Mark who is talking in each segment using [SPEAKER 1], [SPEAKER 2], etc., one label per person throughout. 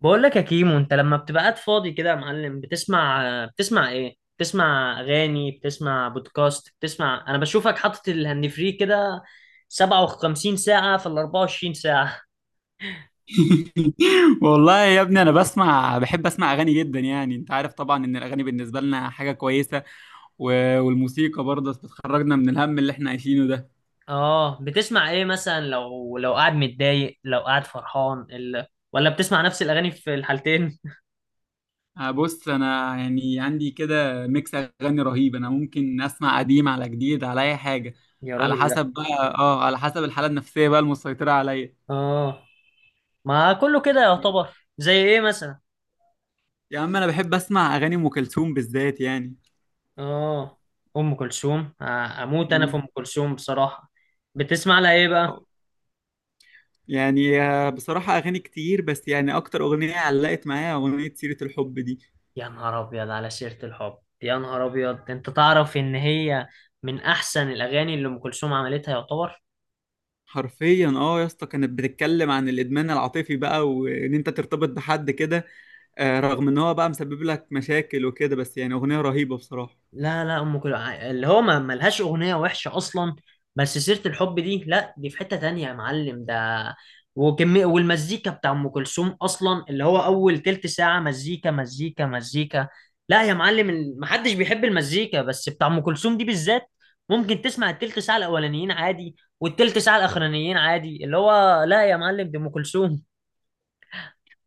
[SPEAKER 1] بقول لك يا كيمو، انت لما بتبقى قاعد فاضي كده يا معلم بتسمع، ايه؟ بتسمع اغاني؟ بتسمع بودكاست؟ بتسمع؟ انا بشوفك حاطط الهاند فري كده 57 ساعة في ال 24 ساعة.
[SPEAKER 2] والله يا ابني، انا بحب اسمع اغاني جدا. يعني انت عارف طبعا ان الاغاني بالنسبه لنا حاجه كويسه. والموسيقى برضه بتخرجنا من الهم اللي احنا عايشينه ده.
[SPEAKER 1] اه، بتسمع ايه مثلا؟ لو قاعد متضايق، لو قاعد فرحان، ولا بتسمع نفس الاغاني في الحالتين؟
[SPEAKER 2] بص، انا يعني عندي كده ميكس اغاني رهيب. انا ممكن اسمع قديم على جديد على اي حاجه،
[SPEAKER 1] يا
[SPEAKER 2] على
[SPEAKER 1] راجل لا.
[SPEAKER 2] حسب بقى، على حسب الحاله النفسيه بقى المسيطره عليا.
[SPEAKER 1] اه، ما كله كده يعتبر. زي ايه مثلا؟
[SPEAKER 2] يا عم، انا بحب اسمع اغاني ام كلثوم بالذات يعني.
[SPEAKER 1] اه. ام كلثوم؟ اموت انا في ام
[SPEAKER 2] مم.
[SPEAKER 1] كلثوم بصراحة. بتسمع لها ايه بقى؟
[SPEAKER 2] يعني بصراحة أغاني كتير، بس يعني أكتر أغنية علقت معايا أغنية سيرة الحب دي.
[SPEAKER 1] يا نهار ابيض على سيرة الحب، يا نهار ابيض، انت تعرف ان هي من احسن الاغاني اللي ام كلثوم عملتها يعتبر.
[SPEAKER 2] حرفيا يا اسطى، كانت بتتكلم عن الادمان العاطفي بقى، وان انت ترتبط بحد كده. رغم ان هو بقى مسبب لك مشاكل وكده، بس يعني اغنيه رهيبه بصراحه.
[SPEAKER 1] لا، ام كلثوم اللي هو ما ملهاش اغنيه وحشه اصلا، بس سيره الحب دي لا، دي في حته تانية يا معلم ده. وكمية والمزيكا بتاع ام كلثوم اصلا، اللي هو اول تلت ساعه مزيكا مزيكا مزيكا. لا يا معلم، محدش بيحب المزيكا بس بتاع ام كلثوم دي بالذات. ممكن تسمع التلت ساعه الاولانيين عادي والتلت ساعه الاخرانيين عادي، اللي هو لا يا معلم، دي ام كلثوم.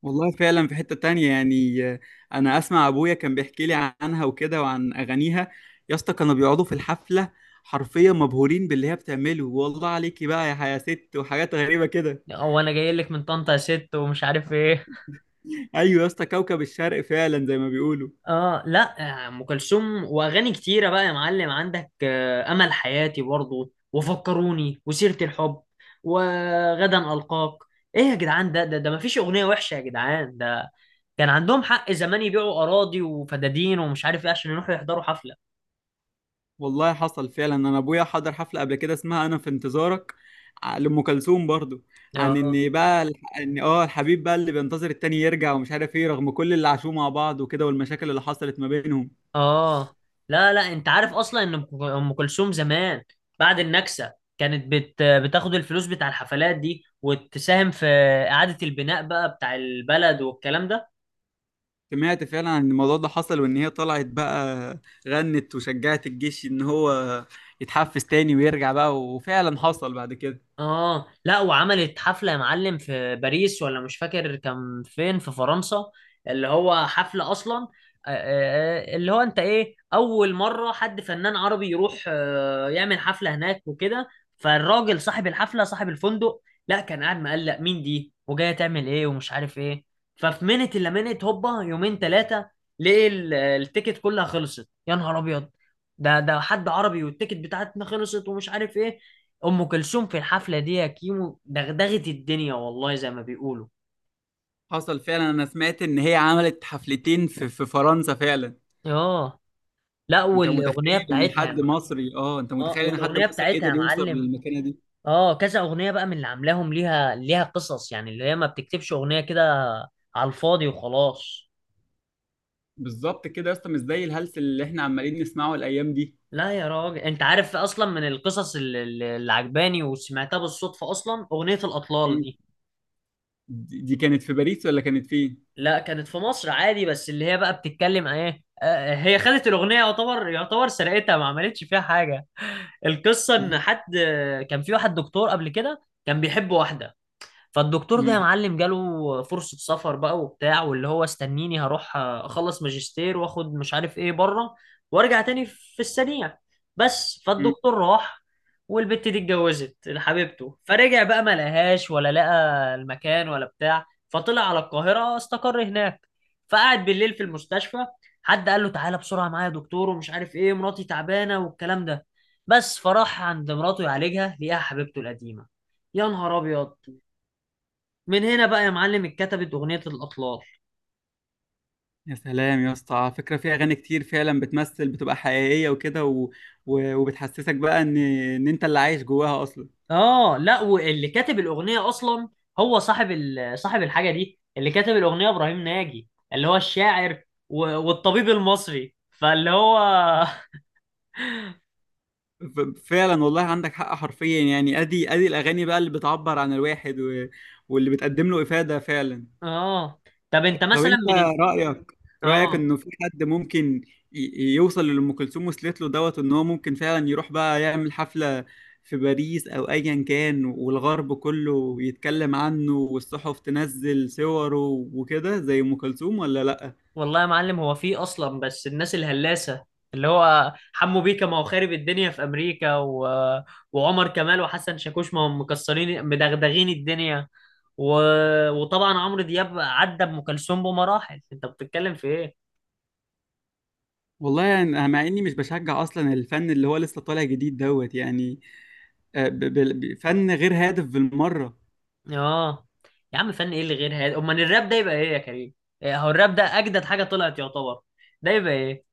[SPEAKER 2] والله فعلا في حته تانية يعني. انا اسمع ابويا كان بيحكي لي عنها وكده وعن اغانيها. يا اسطى كانوا بيقعدوا في الحفله حرفيا مبهورين باللي هي بتعمله. والله عليكي بقى يا حيا ست، وحاجات غريبه كده.
[SPEAKER 1] هو انا جاي لك من طنطا يا ست ومش عارف ايه.
[SPEAKER 2] ايوه يا اسطى، كوكب الشرق فعلا زي ما بيقولوا.
[SPEAKER 1] اه لا، ام كلثوم واغاني كتيره بقى يا معلم عندك، امل حياتي برضو وفكروني وسيره الحب وغدا القاك. ايه يا جدعان، ده مفيش اغنيه وحشه يا جدعان ده. كان عندهم حق زمان يبيعوا اراضي وفدادين ومش عارف ايه عشان يروحوا يحضروا حفله.
[SPEAKER 2] والله حصل فعلا، انا ابويا حضر حفله قبل كده اسمها انا في انتظارك، لام كلثوم برضو. عن
[SPEAKER 1] اه
[SPEAKER 2] ان بقى الح- ان اه الحبيب بقى اللي بينتظر التاني يرجع ومش عارف ايه، رغم كل اللي عاشوه مع بعض وكده والمشاكل اللي حصلت ما بينهم.
[SPEAKER 1] اه. لا، انت عارف اصلا ان أم كلثوم زمان بعد النكسه كانت بتاخد الفلوس بتاع الحفلات دي وتساهم في اعاده البناء بقى بتاع البلد والكلام ده.
[SPEAKER 2] سمعت فعلا عن الموضوع ده، حصل وان هي طلعت بقى غنت وشجعت الجيش ان هو يتحفز تاني ويرجع بقى، وفعلا حصل بعد كده.
[SPEAKER 1] اه لا، وعملت حفلة يا معلم في باريس، ولا مش فاكر كان فين، في فرنسا. اللي هو حفلة اصلا اللي هو انت ايه، اول مرة حد فنان عربي يروح يعمل حفلة هناك وكده. فالراجل صاحب الحفلة صاحب الفندق، لا، كان قاعد مقلق مين دي وجاية تعمل ايه ومش عارف ايه. ففي منت الا منت هوبا يومين ثلاثة، ليه التيكت كلها خلصت؟ يا نهار ابيض، ده حد عربي والتيكت بتاعتنا خلصت ومش عارف ايه. ام كلثوم في الحفله دي يا كيمو دغدغت الدنيا، والله زي ما بيقولوا.
[SPEAKER 2] حصل فعلا، انا سمعت ان هي عملت حفلتين في فرنسا فعلا.
[SPEAKER 1] اه لا، والاغنيه بتاعتها يا مع...
[SPEAKER 2] انت
[SPEAKER 1] اه،
[SPEAKER 2] متخيل ان حد
[SPEAKER 1] والاغنيه
[SPEAKER 2] مصري
[SPEAKER 1] بتاعتها يا
[SPEAKER 2] قدر يوصل
[SPEAKER 1] معلم،
[SPEAKER 2] للمكانه دي؟
[SPEAKER 1] اه كذا اغنيه بقى من اللي عاملاهم، ليها قصص يعني، اللي هي ما بتكتبش اغنيه كده على الفاضي وخلاص.
[SPEAKER 2] بالظبط كده يا اسطى، مش زي الهلس اللي احنا عمالين نسمعه الايام دي.
[SPEAKER 1] لا يا راجل، انت عارف اصلا من القصص اللي عجباني وسمعتها بالصدفه اصلا اغنيه الاطلال
[SPEAKER 2] مم.
[SPEAKER 1] دي.
[SPEAKER 2] دي كانت في باريس ولا كانت فين؟
[SPEAKER 1] لا، كانت في مصر عادي، بس اللي هي بقى بتتكلم عن ايه. هي خدت الاغنيه، يعتبر سرقتها، ما عملتش فيها حاجه. القصه
[SPEAKER 2] مم.
[SPEAKER 1] ان حد كان في واحد دكتور قبل كده كان بيحب واحده. فالدكتور ده يا
[SPEAKER 2] مم.
[SPEAKER 1] معلم جاله فرصة سفر بقى وبتاع، واللي هو استنيني هروح اخلص ماجستير واخد مش عارف ايه بره وارجع تاني في السريع. بس
[SPEAKER 2] مم.
[SPEAKER 1] فالدكتور راح، والبت دي اتجوزت حبيبته. فرجع بقى ما لقاهاش ولا لقى المكان ولا بتاع. فطلع على القاهرة استقر هناك، فقعد بالليل في المستشفى. حد قال له: تعالى بسرعة معايا يا دكتور ومش عارف ايه، مراتي تعبانة والكلام ده. بس فراح عند مراته يعالجها لقاها حبيبته القديمة. يا نهار ابيض. من هنا بقى يا معلم اتكتبت اغنيه الاطلال.
[SPEAKER 2] يا سلام يا اسطى! على فكره في اغاني كتير فعلا بتمثل، بتبقى حقيقيه وكده وبتحسسك بقى ان ان انت اللي عايش جواها اصلا.
[SPEAKER 1] اه لا، واللي كاتب الاغنيه اصلا هو صاحب صاحب الحاجه دي، اللي كاتب الاغنيه ابراهيم ناجي اللي هو الشاعر والطبيب المصري، فاللي هو
[SPEAKER 2] ف- فعلا والله عندك حق، حرفيا يعني ادي الاغاني بقى اللي بتعبر عن الواحد واللي بتقدم له افاده فعلا.
[SPEAKER 1] اه. طب انت
[SPEAKER 2] طب
[SPEAKER 1] مثلا
[SPEAKER 2] انت،
[SPEAKER 1] من
[SPEAKER 2] رأيك رأيك
[SPEAKER 1] اه.
[SPEAKER 2] انه في حد ممكن يوصل للي ام كلثوم وصلت له دوت، ان هو ممكن فعلا يروح بقى يعمل حفلة في باريس او ايا كان، والغرب كله يتكلم عنه والصحف تنزل صوره وكده زي ام كلثوم ولا لا؟
[SPEAKER 1] والله يا معلم، هو في اصلا، بس الناس الهلاسه، اللي هو حمو بيكا ما هو خارب الدنيا في امريكا، وعمر كمال وحسن شاكوش ما هم مكسرين مدغدغين الدنيا، و... وطبعا عمرو دياب عدى ام كلثوم بمراحل، انت بتتكلم في ايه؟
[SPEAKER 2] والله يعني أنا مع اني مش بشجع اصلا الفن اللي هو لسه طالع جديد دوت يعني. فن غير هادف بالمرة.
[SPEAKER 1] اه. يا عم فن ايه اللي غير هذا؟ امال الراب ده يبقى ايه يا كريم؟ هو الراب ده اجدد حاجه طلعت يعتبر، ده يبقى ايه؟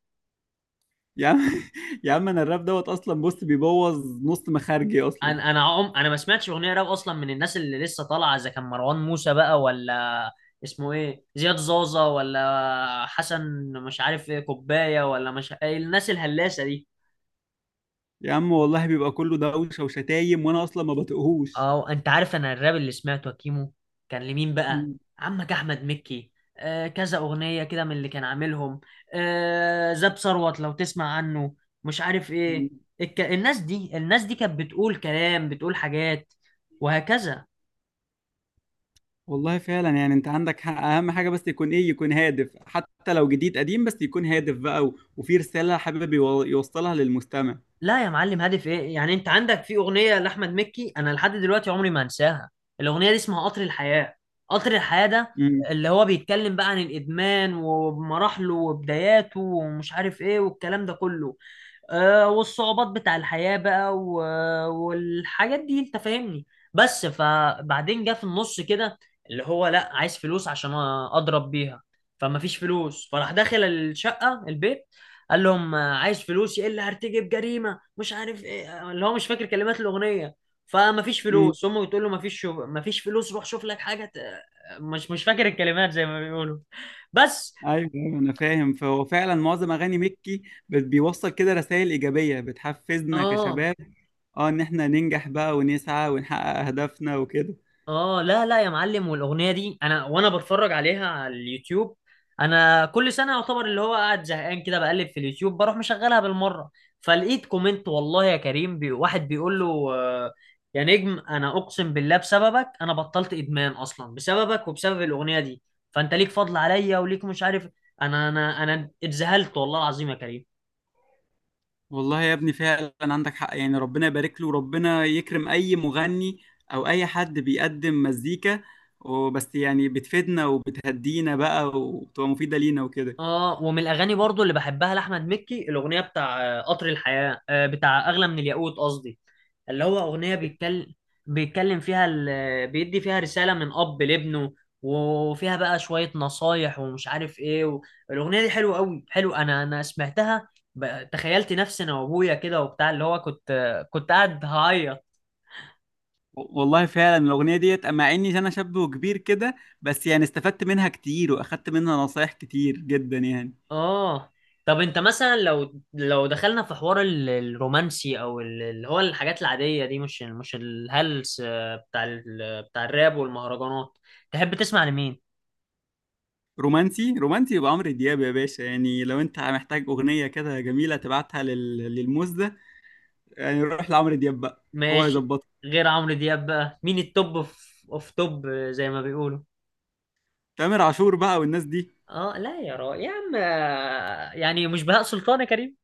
[SPEAKER 2] يا عم يا عم، انا الراب دوت اصلا بص بيبوظ نص مخارجي اصلا.
[SPEAKER 1] انا انا عم انا ما سمعتش اغنيه راب اصلا من الناس اللي لسه طالعه، اذا كان مروان موسى بقى، ولا اسمه ايه زياد زازا، ولا حسن مش عارف ايه كوبايه، ولا مش إيه الناس الهلاسه دي.
[SPEAKER 2] يا عم والله بيبقى كله دوشة وشتايم، وانا اصلا ما بطيقهوش.
[SPEAKER 1] اه، انت عارف انا الراب اللي سمعته يا كيمو كان لمين بقى؟
[SPEAKER 2] مم.
[SPEAKER 1] عمك احمد مكي. آه، كذا اغنيه كده من اللي كان عاملهم. آه، زاب ثروت لو تسمع عنه، مش عارف
[SPEAKER 2] مم.
[SPEAKER 1] ايه. الناس دي، الناس دي كانت بتقول كلام، بتقول حاجات، وهكذا.
[SPEAKER 2] والله فعلا يعني انت عندك حق، اهم حاجة بس يكون ايه، يكون هادف. حتى لو جديد قديم بس يكون هادف بقى، وفي رسالة حابب يوصلها للمستمع.
[SPEAKER 1] لا يا معلم، هدف ايه يعني؟ انت عندك في اغنيه لاحمد مكي انا لحد دلوقتي عمري ما انساها، الاغنيه دي اسمها قطر الحياه. قطر الحياه ده
[SPEAKER 2] مم.
[SPEAKER 1] اللي هو بيتكلم بقى عن الادمان ومراحله وبداياته ومش عارف ايه والكلام ده كله. والصعوبات بتاع الحياة بقى والحاجات دي، انت فاهمني. بس فبعدين جه في النص كده اللي هو لا عايز فلوس عشان اضرب بيها. فما فيش فلوس، فراح داخل الشقة البيت قال لهم: عايز فلوس، يا الا هرتجب جريمة مش عارف ايه، اللي هو مش فاكر كلمات الأغنية. فما فيش
[SPEAKER 2] مم.
[SPEAKER 1] فلوس، امه بتقول له: ما فيش فلوس، روح شوف لك حاجة مش فاكر الكلمات زي ما بيقولوا بس.
[SPEAKER 2] ايوه، أيوة، انا فاهم. فهو فعلا معظم اغاني مكي بيوصل كده رسائل ايجابية بتحفزنا
[SPEAKER 1] اه.
[SPEAKER 2] كشباب. اه، ان احنا ننجح بقى ونسعى ونحقق اهدافنا وكده.
[SPEAKER 1] لا يا معلم، والاغنيه دي انا بتفرج عليها على اليوتيوب، انا كل سنه يعتبر اللي هو قاعد زهقان كده بقلب في اليوتيوب بروح مشغلها بالمره. فلقيت كومنت والله يا كريم بي، واحد بيقول له: يا نجم انا اقسم بالله بسببك انا بطلت ادمان اصلا، بسببك وبسبب الاغنيه دي. فانت ليك فضل عليا وليك مش عارف. انا اتذهلت والله العظيم يا كريم.
[SPEAKER 2] والله يا ابني فعلا عندك حق، يعني ربنا يبارك له وربنا يكرم اي مغني او اي حد بيقدم مزيكا، وبس يعني بتفيدنا وبتهدينا بقى وبتبقى مفيدة لينا وكده.
[SPEAKER 1] اه، ومن الاغاني برضو اللي بحبها لاحمد مكي الاغنيه بتاع آه، قطر الحياه آه، بتاع اغلى من الياقوت قصدي، اللي هو أغنية بيتكلم فيها بيدي فيها رسالة من أب لابنه، وفيها بقى شوية نصايح ومش عارف إيه الأغنية دي حلوة أوي، حلو. أنا سمعتها، تخيلت نفسي أنا وأبويا كده وبتاع، اللي هو كنت، كنت قاعد هعيط.
[SPEAKER 2] والله فعلا الأغنية ديت أما إني أنا شاب وكبير كده، بس يعني استفدت منها كتير وأخدت منها نصايح كتير جدا يعني.
[SPEAKER 1] آه. طب أنت مثلا لو دخلنا في حوار الرومانسي أو اللي هو الحاجات العادية دي، مش الهلس بتاع بتاع الراب والمهرجانات، تحب تسمع لمين؟
[SPEAKER 2] رومانسي، رومانسي يبقى عمرو دياب يا باشا. يعني لو أنت محتاج أغنية كده جميلة تبعتها للموز ده، يعني روح لعمرو دياب بقى، هو
[SPEAKER 1] ماشي.
[SPEAKER 2] يظبطها.
[SPEAKER 1] غير عمرو دياب بقى مين التوب في اوف توب زي ما بيقولوا؟
[SPEAKER 2] تامر عاشور بقى والناس دي.
[SPEAKER 1] اه لا، يا عم، يعني مش بهاء سلطان يا كريم؟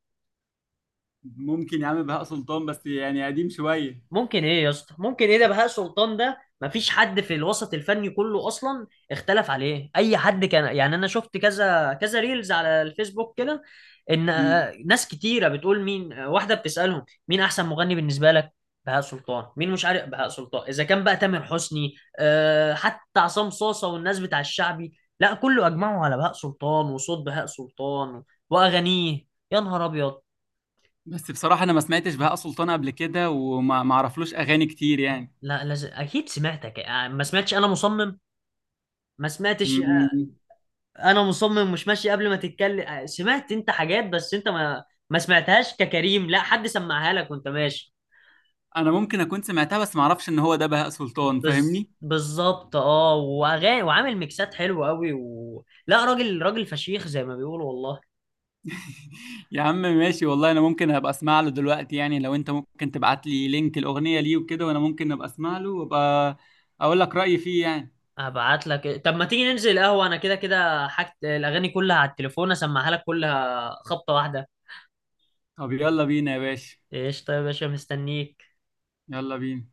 [SPEAKER 2] ممكن يا عم بهاء سلطان، بس يعني قديم شوية.
[SPEAKER 1] ممكن ايه يا اسطى، ممكن ايه؟ ده بهاء سلطان ده مفيش حد في الوسط الفني كله اصلا اختلف عليه اي حد كان، يعني انا شفت كذا ريلز على الفيسبوك كده، ان
[SPEAKER 2] امم
[SPEAKER 1] ناس كتيره بتقول مين، واحده بتسالهم مين احسن مغني بالنسبه لك؟ بهاء سلطان. مين مش عارف بهاء سلطان؟ اذا كان بقى تامر حسني، أه، حتى عصام صاصه والناس بتاع الشعبي، لا كله اجمعوا على بهاء سلطان وصوت بهاء سلطان واغانيه. يا نهار ابيض.
[SPEAKER 2] بس بصراحة أنا ما سمعتش بهاء سلطان قبل كده، وما ما اعرفلوش أغاني كتير يعني.
[SPEAKER 1] لا، لازم اكيد سمعتك. ما سمعتش، انا مصمم ما سمعتش.
[SPEAKER 2] امم
[SPEAKER 1] انا مصمم، مش ماشي قبل ما تتكلم. سمعت انت حاجات بس انت ما سمعتهاش ككريم، لا حد سمعها لك وانت ماشي.
[SPEAKER 2] أنا ممكن أكون سمعتها بس ما اعرفش إن هو ده بهاء سلطان، فاهمني.
[SPEAKER 1] بالظبط، اه، واغاني وعامل ميكسات حلوه قوي لا، راجل فشيخ زي ما بيقولوا والله.
[SPEAKER 2] يا عم ماشي، والله أنا ممكن أبقى أسمع له دلوقتي يعني. لو أنت ممكن تبعت لي لينك الأغنية ليه وكده، وأنا ممكن أبقى أسمع له وأبقى أقول لك رأيي فيه يعني.
[SPEAKER 1] هبعت لك. طب ما تيجي ننزل قهوه، انا كده حاجت الاغاني كلها على التليفون، اسمعها لك كلها خبطه واحده.
[SPEAKER 2] طب يلا بينا يا باشا.
[SPEAKER 1] ايش؟ طيب يا باشا مستنيك.
[SPEAKER 2] يلا بينا.